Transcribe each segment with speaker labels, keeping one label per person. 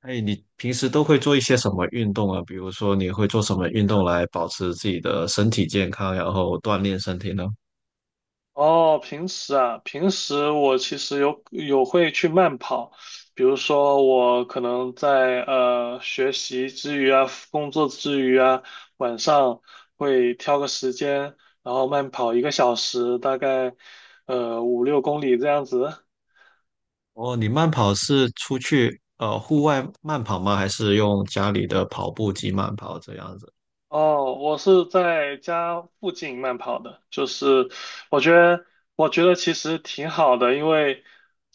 Speaker 1: 哎，你平时都会做一些什么运动啊？比如说，你会做什么运动来保持自己的身体健康，然后锻炼身体呢？
Speaker 2: 哦，平时我其实有会去慢跑，比如说我可能在学习之余啊，工作之余啊，晚上会挑个时间，然后慢跑一个小时，大概五六公里这样子。
Speaker 1: 哦，你慢跑是出去户外慢跑吗？还是用家里的跑步机慢跑这样子？
Speaker 2: 哦，我是在家附近慢跑的，就是我觉得我觉得其实挺好的，因为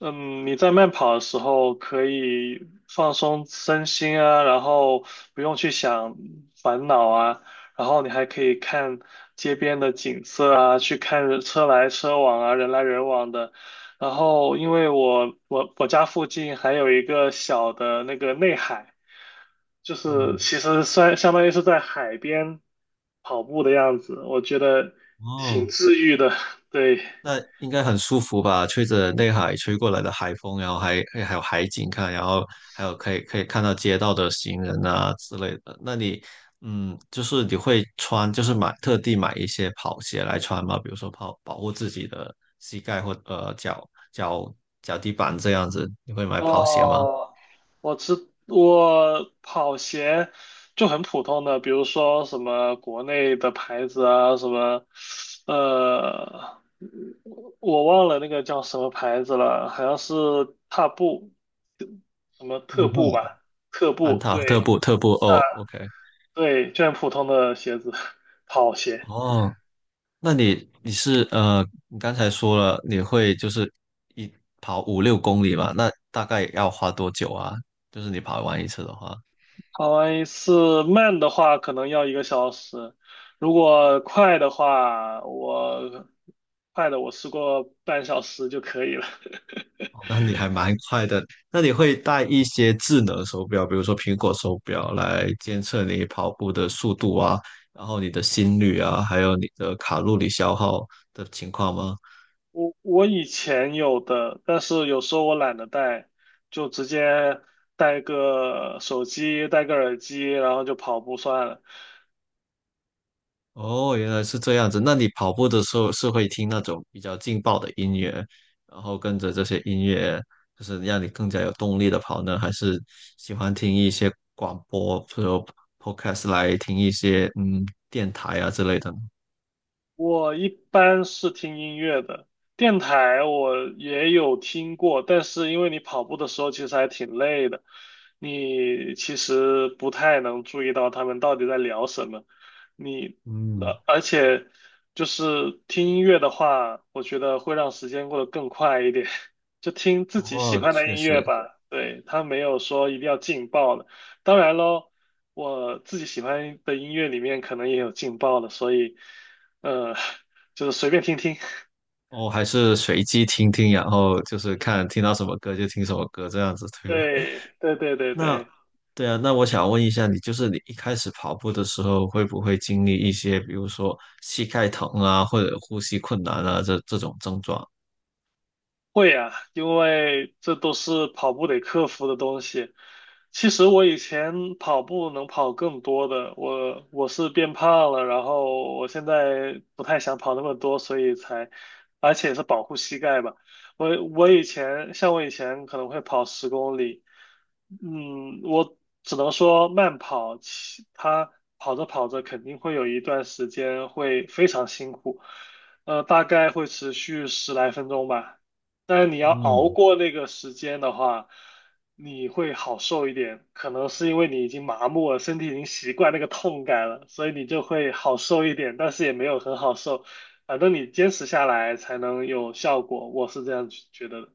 Speaker 2: 你在慢跑的时候可以放松身心啊，然后不用去想烦恼啊，然后你还可以看街边的景色啊，去看车来车往啊，人来人往的。然后因为我家附近还有一个小的那个内海。就是
Speaker 1: 嗯，
Speaker 2: 其实算相当于是在海边跑步的样子，我觉得挺
Speaker 1: 哦，
Speaker 2: 治愈的。对，
Speaker 1: 那应该很舒服吧？吹着内海吹过来的海风，然后还有海景看，然后还有可以看到街道的行人啊之类的。那你嗯，就是你会穿，就是买特地买一些跑鞋来穿吗？比如说跑保护自己的膝盖或脚底板这样子，你会买跑鞋吗？
Speaker 2: 哦，我跑鞋就很普通的，比如说什么国内的牌子啊，什么呃，我忘了那个叫什么牌子了，好像是踏步，什么特
Speaker 1: 安踏。
Speaker 2: 步吧，特
Speaker 1: 安
Speaker 2: 步，
Speaker 1: 踏特
Speaker 2: 对
Speaker 1: 步特步哦，OK，
Speaker 2: 对，就很普通的鞋子，跑鞋。
Speaker 1: 哦，那你你是你刚才说了你会就是一跑五六公里嘛？那大概要花多久啊？就是你跑完一次的话，
Speaker 2: 跑完一次慢的话可能要一个小时，如果快的话，快的我试过半小时就可以了。
Speaker 1: 哦那你还蛮快的。那你会带一些智能手表，比如说苹果手表来监测你跑步的速度啊，然后你的心率啊，还有你的卡路里消耗的情况吗？
Speaker 2: 我以前有的，但是有时候我懒得带，就直接带个手机，带个耳机，然后就跑步算了。
Speaker 1: 哦，原来是这样子。那你跑步的时候是会听那种比较劲爆的音乐，然后跟着这些音乐，就是让你更加有动力的跑呢？还是喜欢听一些广播，比如 podcast 来听一些电台啊之类的呢？
Speaker 2: 我一般是听音乐的，电台我也有听过，但是因为你跑步的时候其实还挺累的，你其实不太能注意到他们到底在聊什么。你，
Speaker 1: 嗯，
Speaker 2: 而且就是听音乐的话，我觉得会让时间过得更快一点，就听自己喜
Speaker 1: 哦，
Speaker 2: 欢的
Speaker 1: 确
Speaker 2: 音乐
Speaker 1: 实，
Speaker 2: 吧。对，它没有说一定要劲爆的。当然喽，我自己喜欢的音乐里面可能也有劲爆的，所以，呃，就是随便听听。
Speaker 1: 哦，还是随机听听，然后就是看听到什么歌就听什么歌这样子，对吧？
Speaker 2: 对，对对对
Speaker 1: 那
Speaker 2: 对，
Speaker 1: 对啊，那我想问一下你，就是你一开始跑步的时候，会不会经历一些，比如说膝盖疼啊，或者呼吸困难啊，这种症状？
Speaker 2: 会啊，因为这都是跑步得克服的东西。其实我以前跑步能跑更多的，我是变胖了，然后我现在不太想跑那么多，所以才，而且是保护膝盖吧。我以前可能会跑10公里，我只能说慢跑，其他跑着跑着肯定会有一段时间会非常辛苦，大概会持续十来分钟吧。但是你要熬
Speaker 1: 嗯，
Speaker 2: 过那个时间的话，你会好受一点。可能是因为你已经麻木了，身体已经习惯那个痛感了，所以你就会好受一点，但是也没有很好受。反正你坚持下来才能有效果，我是这样觉得的。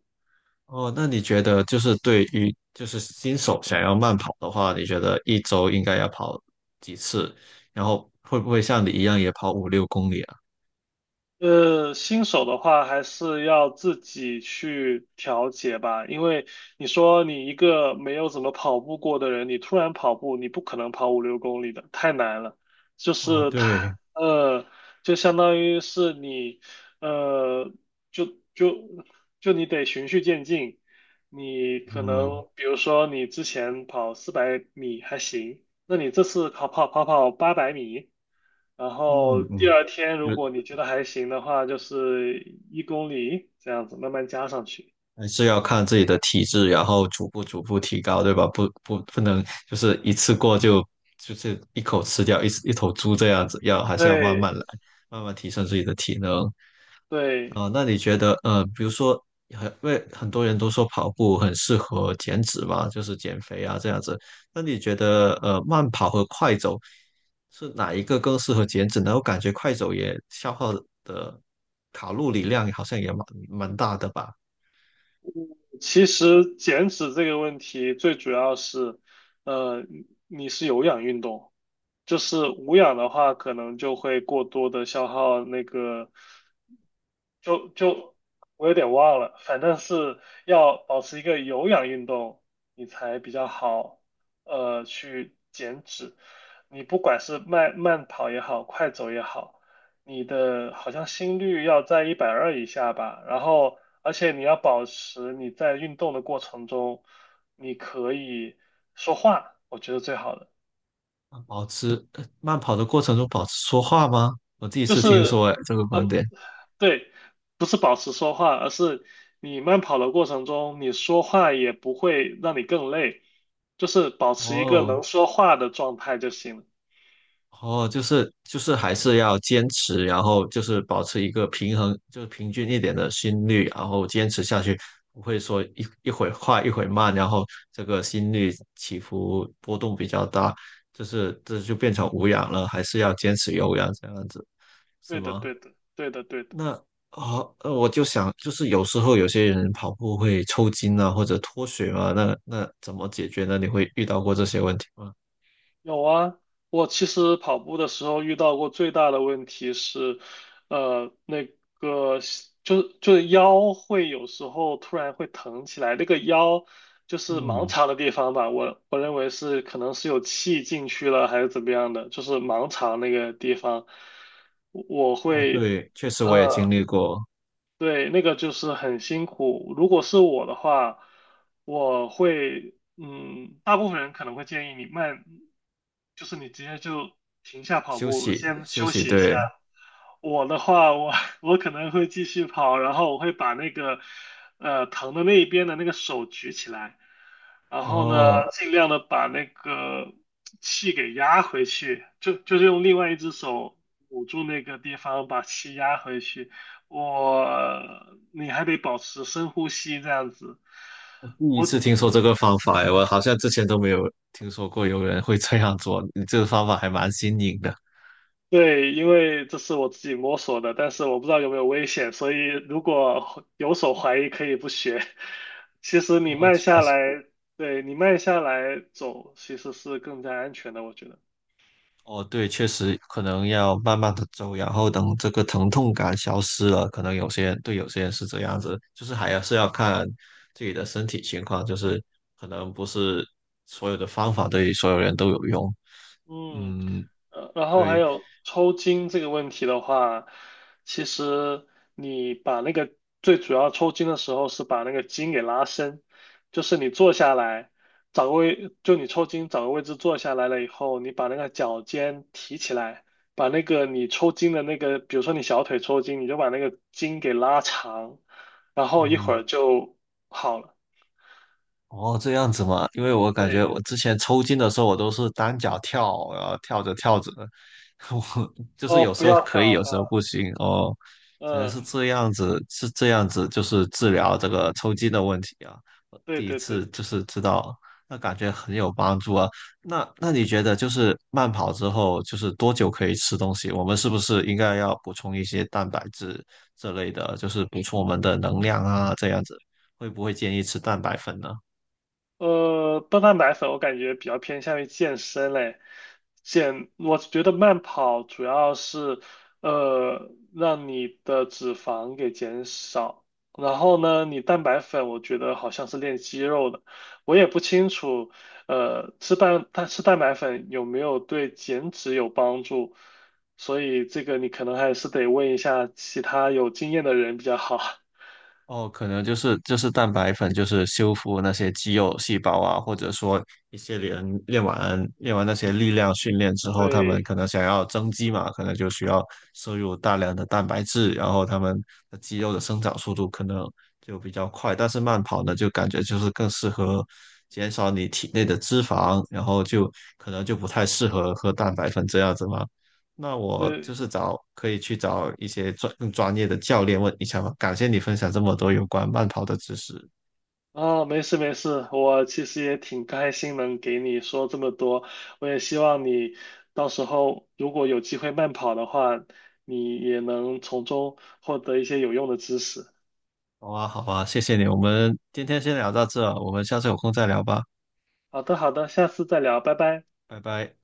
Speaker 1: 哦，那你觉得就是对于就是新手想要慢跑的话，你觉得一周应该要跑几次？然后会不会像你一样也跑五六公里啊？
Speaker 2: 新手的话还是要自己去调节吧，因为你说你一个没有怎么跑步过的人，你突然跑步，你不可能跑五六公里的，太难了。就
Speaker 1: 哦，
Speaker 2: 是
Speaker 1: 对，
Speaker 2: 他，呃，就相当于是你，呃，就就就你得循序渐进。你可
Speaker 1: 嗯
Speaker 2: 能比如说你之前跑400米还行，那你这次跑800米。然后
Speaker 1: 嗯
Speaker 2: 第
Speaker 1: 嗯，
Speaker 2: 二天如
Speaker 1: 就。
Speaker 2: 果你觉得还行的话，就是1公里这样子慢慢加上去。
Speaker 1: 还是要看自己的体质，然后逐步提高，对吧？不能就是一次过就就是一口吃掉一头猪这样子，要还是要慢
Speaker 2: 对
Speaker 1: 慢来，慢慢提升自己的体能。
Speaker 2: 对，
Speaker 1: 啊、那你觉得比如说很，因为很多人都说跑步很适合减脂嘛，就是减肥啊这样子。那你觉得慢跑和快走是哪一个更适合减脂呢？我感觉快走也消耗的卡路里量好像也蛮大的吧。
Speaker 2: 其实减脂这个问题最主要是，你是有氧运动，就是无氧的话，可能就会过多的消耗那个。就就我有点忘了，反正是要保持一个有氧运动，你才比较好，去减脂。你不管是慢慢跑也好，快走也好，你的好像心率要在120以下吧。然后，而且你要保持你在运动的过程中，你可以说话，我觉得最好的
Speaker 1: 慢跑的过程中保持说话吗？我第一
Speaker 2: 就
Speaker 1: 次听
Speaker 2: 是，
Speaker 1: 说，哎，这个观
Speaker 2: 呃，
Speaker 1: 点。
Speaker 2: 对，不是保持说话，而是你慢跑的过程中，你说话也不会让你更累，就是保持一个
Speaker 1: 哦
Speaker 2: 能说话的状态就行了。
Speaker 1: 哦，就是还是要坚持，然后就是保持一个平衡，就是平均一点的心率，然后坚持下去，不会说一会快一会慢，然后这个心率起伏波动比较大，就是这就变成无氧了，还是要坚持有氧这样子，是
Speaker 2: 对的，
Speaker 1: 吗？
Speaker 2: 对的，对的，对的。
Speaker 1: 那啊，我就想，就是有时候有些人跑步会抽筋啊，或者脱水嘛，那怎么解决呢？你会遇到过这些问题吗？
Speaker 2: 有啊，我其实跑步的时候遇到过最大的问题是，那个就是腰会有时候突然会疼起来，那个腰就是盲
Speaker 1: 嗯，
Speaker 2: 肠的地方吧，我认为是可能是有气进去了还是怎么样的，就是盲肠那个地方，我
Speaker 1: 哦，
Speaker 2: 会
Speaker 1: 对，确实我也经
Speaker 2: 呃。
Speaker 1: 历过
Speaker 2: 对，那个就是很辛苦。如果是我的话，我会，大部分人可能会建议你慢，就是你直接就停下跑
Speaker 1: 休
Speaker 2: 步，
Speaker 1: 息，
Speaker 2: 先
Speaker 1: 休
Speaker 2: 休
Speaker 1: 息，
Speaker 2: 息一下。
Speaker 1: 对，
Speaker 2: 我的话，我 我可能会继续跑，然后我会把那个，疼的那一边的那个手举起来，然后
Speaker 1: 哦，
Speaker 2: 呢，尽量的把那个气给压回去，就是用另外一只手捂住那个地方，把气压回去。我你还得保持深呼吸这样子。
Speaker 1: 我第一
Speaker 2: 我
Speaker 1: 次听说这个方法，哎，我好像之前都没有听说过有人会这样做，你这个方法还蛮新颖的。
Speaker 2: 对，因为这是我自己摸索的，但是我不知道有没有危险，所以如果有所怀疑，可以不学。其实你
Speaker 1: 我
Speaker 2: 慢下
Speaker 1: 实。
Speaker 2: 来，对，你慢下来走，其实是更加安全的，我觉得。
Speaker 1: 哦，对，确实可能要慢慢的走，然后等这个疼痛感消失了，可能有些人对有些人是这样子，就是还要是要看自己的身体情况，就是可能不是所有的方法对所有人都有用。
Speaker 2: 嗯，
Speaker 1: 嗯，
Speaker 2: 然后还
Speaker 1: 对，
Speaker 2: 有抽筋这个问题的话，其实你把那个最主要抽筋的时候是把那个筋给拉伸，就是你坐下来，找个位，就你抽筋找个位置坐下来了以后，你把那个脚尖提起来，把那个你抽筋的那个，比如说你小腿抽筋，你就把那个筋给拉长，然后一会
Speaker 1: 嗯，
Speaker 2: 儿就好了。
Speaker 1: 哦，这样子嘛，因为我感
Speaker 2: 对，
Speaker 1: 觉我之前抽筋的时候，我都是单脚跳，然后跳着跳着，我就是
Speaker 2: 哦，
Speaker 1: 有
Speaker 2: 不
Speaker 1: 时候
Speaker 2: 要跳
Speaker 1: 可以，有时候
Speaker 2: 啊，
Speaker 1: 不行。哦，原来
Speaker 2: 嗯，
Speaker 1: 是这样子，是这样子，就是治疗这个抽筋的问题啊。我
Speaker 2: 对
Speaker 1: 第一
Speaker 2: 对对。
Speaker 1: 次就是知道，那感觉很有帮助啊。那你觉得就是慢跑之后，就是多久可以吃东西？我们是不是应该要补充一些蛋白质这类的，就是补充我们的能量啊，这样子，会不会建议吃蛋白粉呢？
Speaker 2: 高蛋白粉我感觉比较偏向于健身嘞，我觉得慢跑主要是让你的脂肪给减少，然后呢，你蛋白粉我觉得好像是练肌肉的，我也不清楚，它吃蛋白粉有没有对减脂有帮助，所以这个你可能还是得问一下其他有经验的人比较好。
Speaker 1: 哦，可能就是蛋白粉，就是修复那些肌肉细胞啊，或者说练完那些力量训练之后，他们
Speaker 2: 对，
Speaker 1: 可能想要增肌嘛，可能就需要摄入大量的蛋白质，然后他们的肌肉的生长速度可能就比较快。但是慢跑呢，就感觉就是更适合减少你体内的脂肪，然后就可能就不太适合喝蛋白粉这样子嘛。那我
Speaker 2: 呃，
Speaker 1: 就是找可以去找一些专更专业的教练问一下嘛。感谢你分享这么多有关慢跑的知识。
Speaker 2: 啊，没事没事，我其实也挺开心能给你说这么多，我也希望你到时候如果有机会慢跑的话，你也能从中获得一些有用的知识。
Speaker 1: 好啊，好啊，谢谢你。我们今天先聊到这，我们下次有空再聊吧。
Speaker 2: 好的好的，下次再聊，拜拜。
Speaker 1: 拜拜。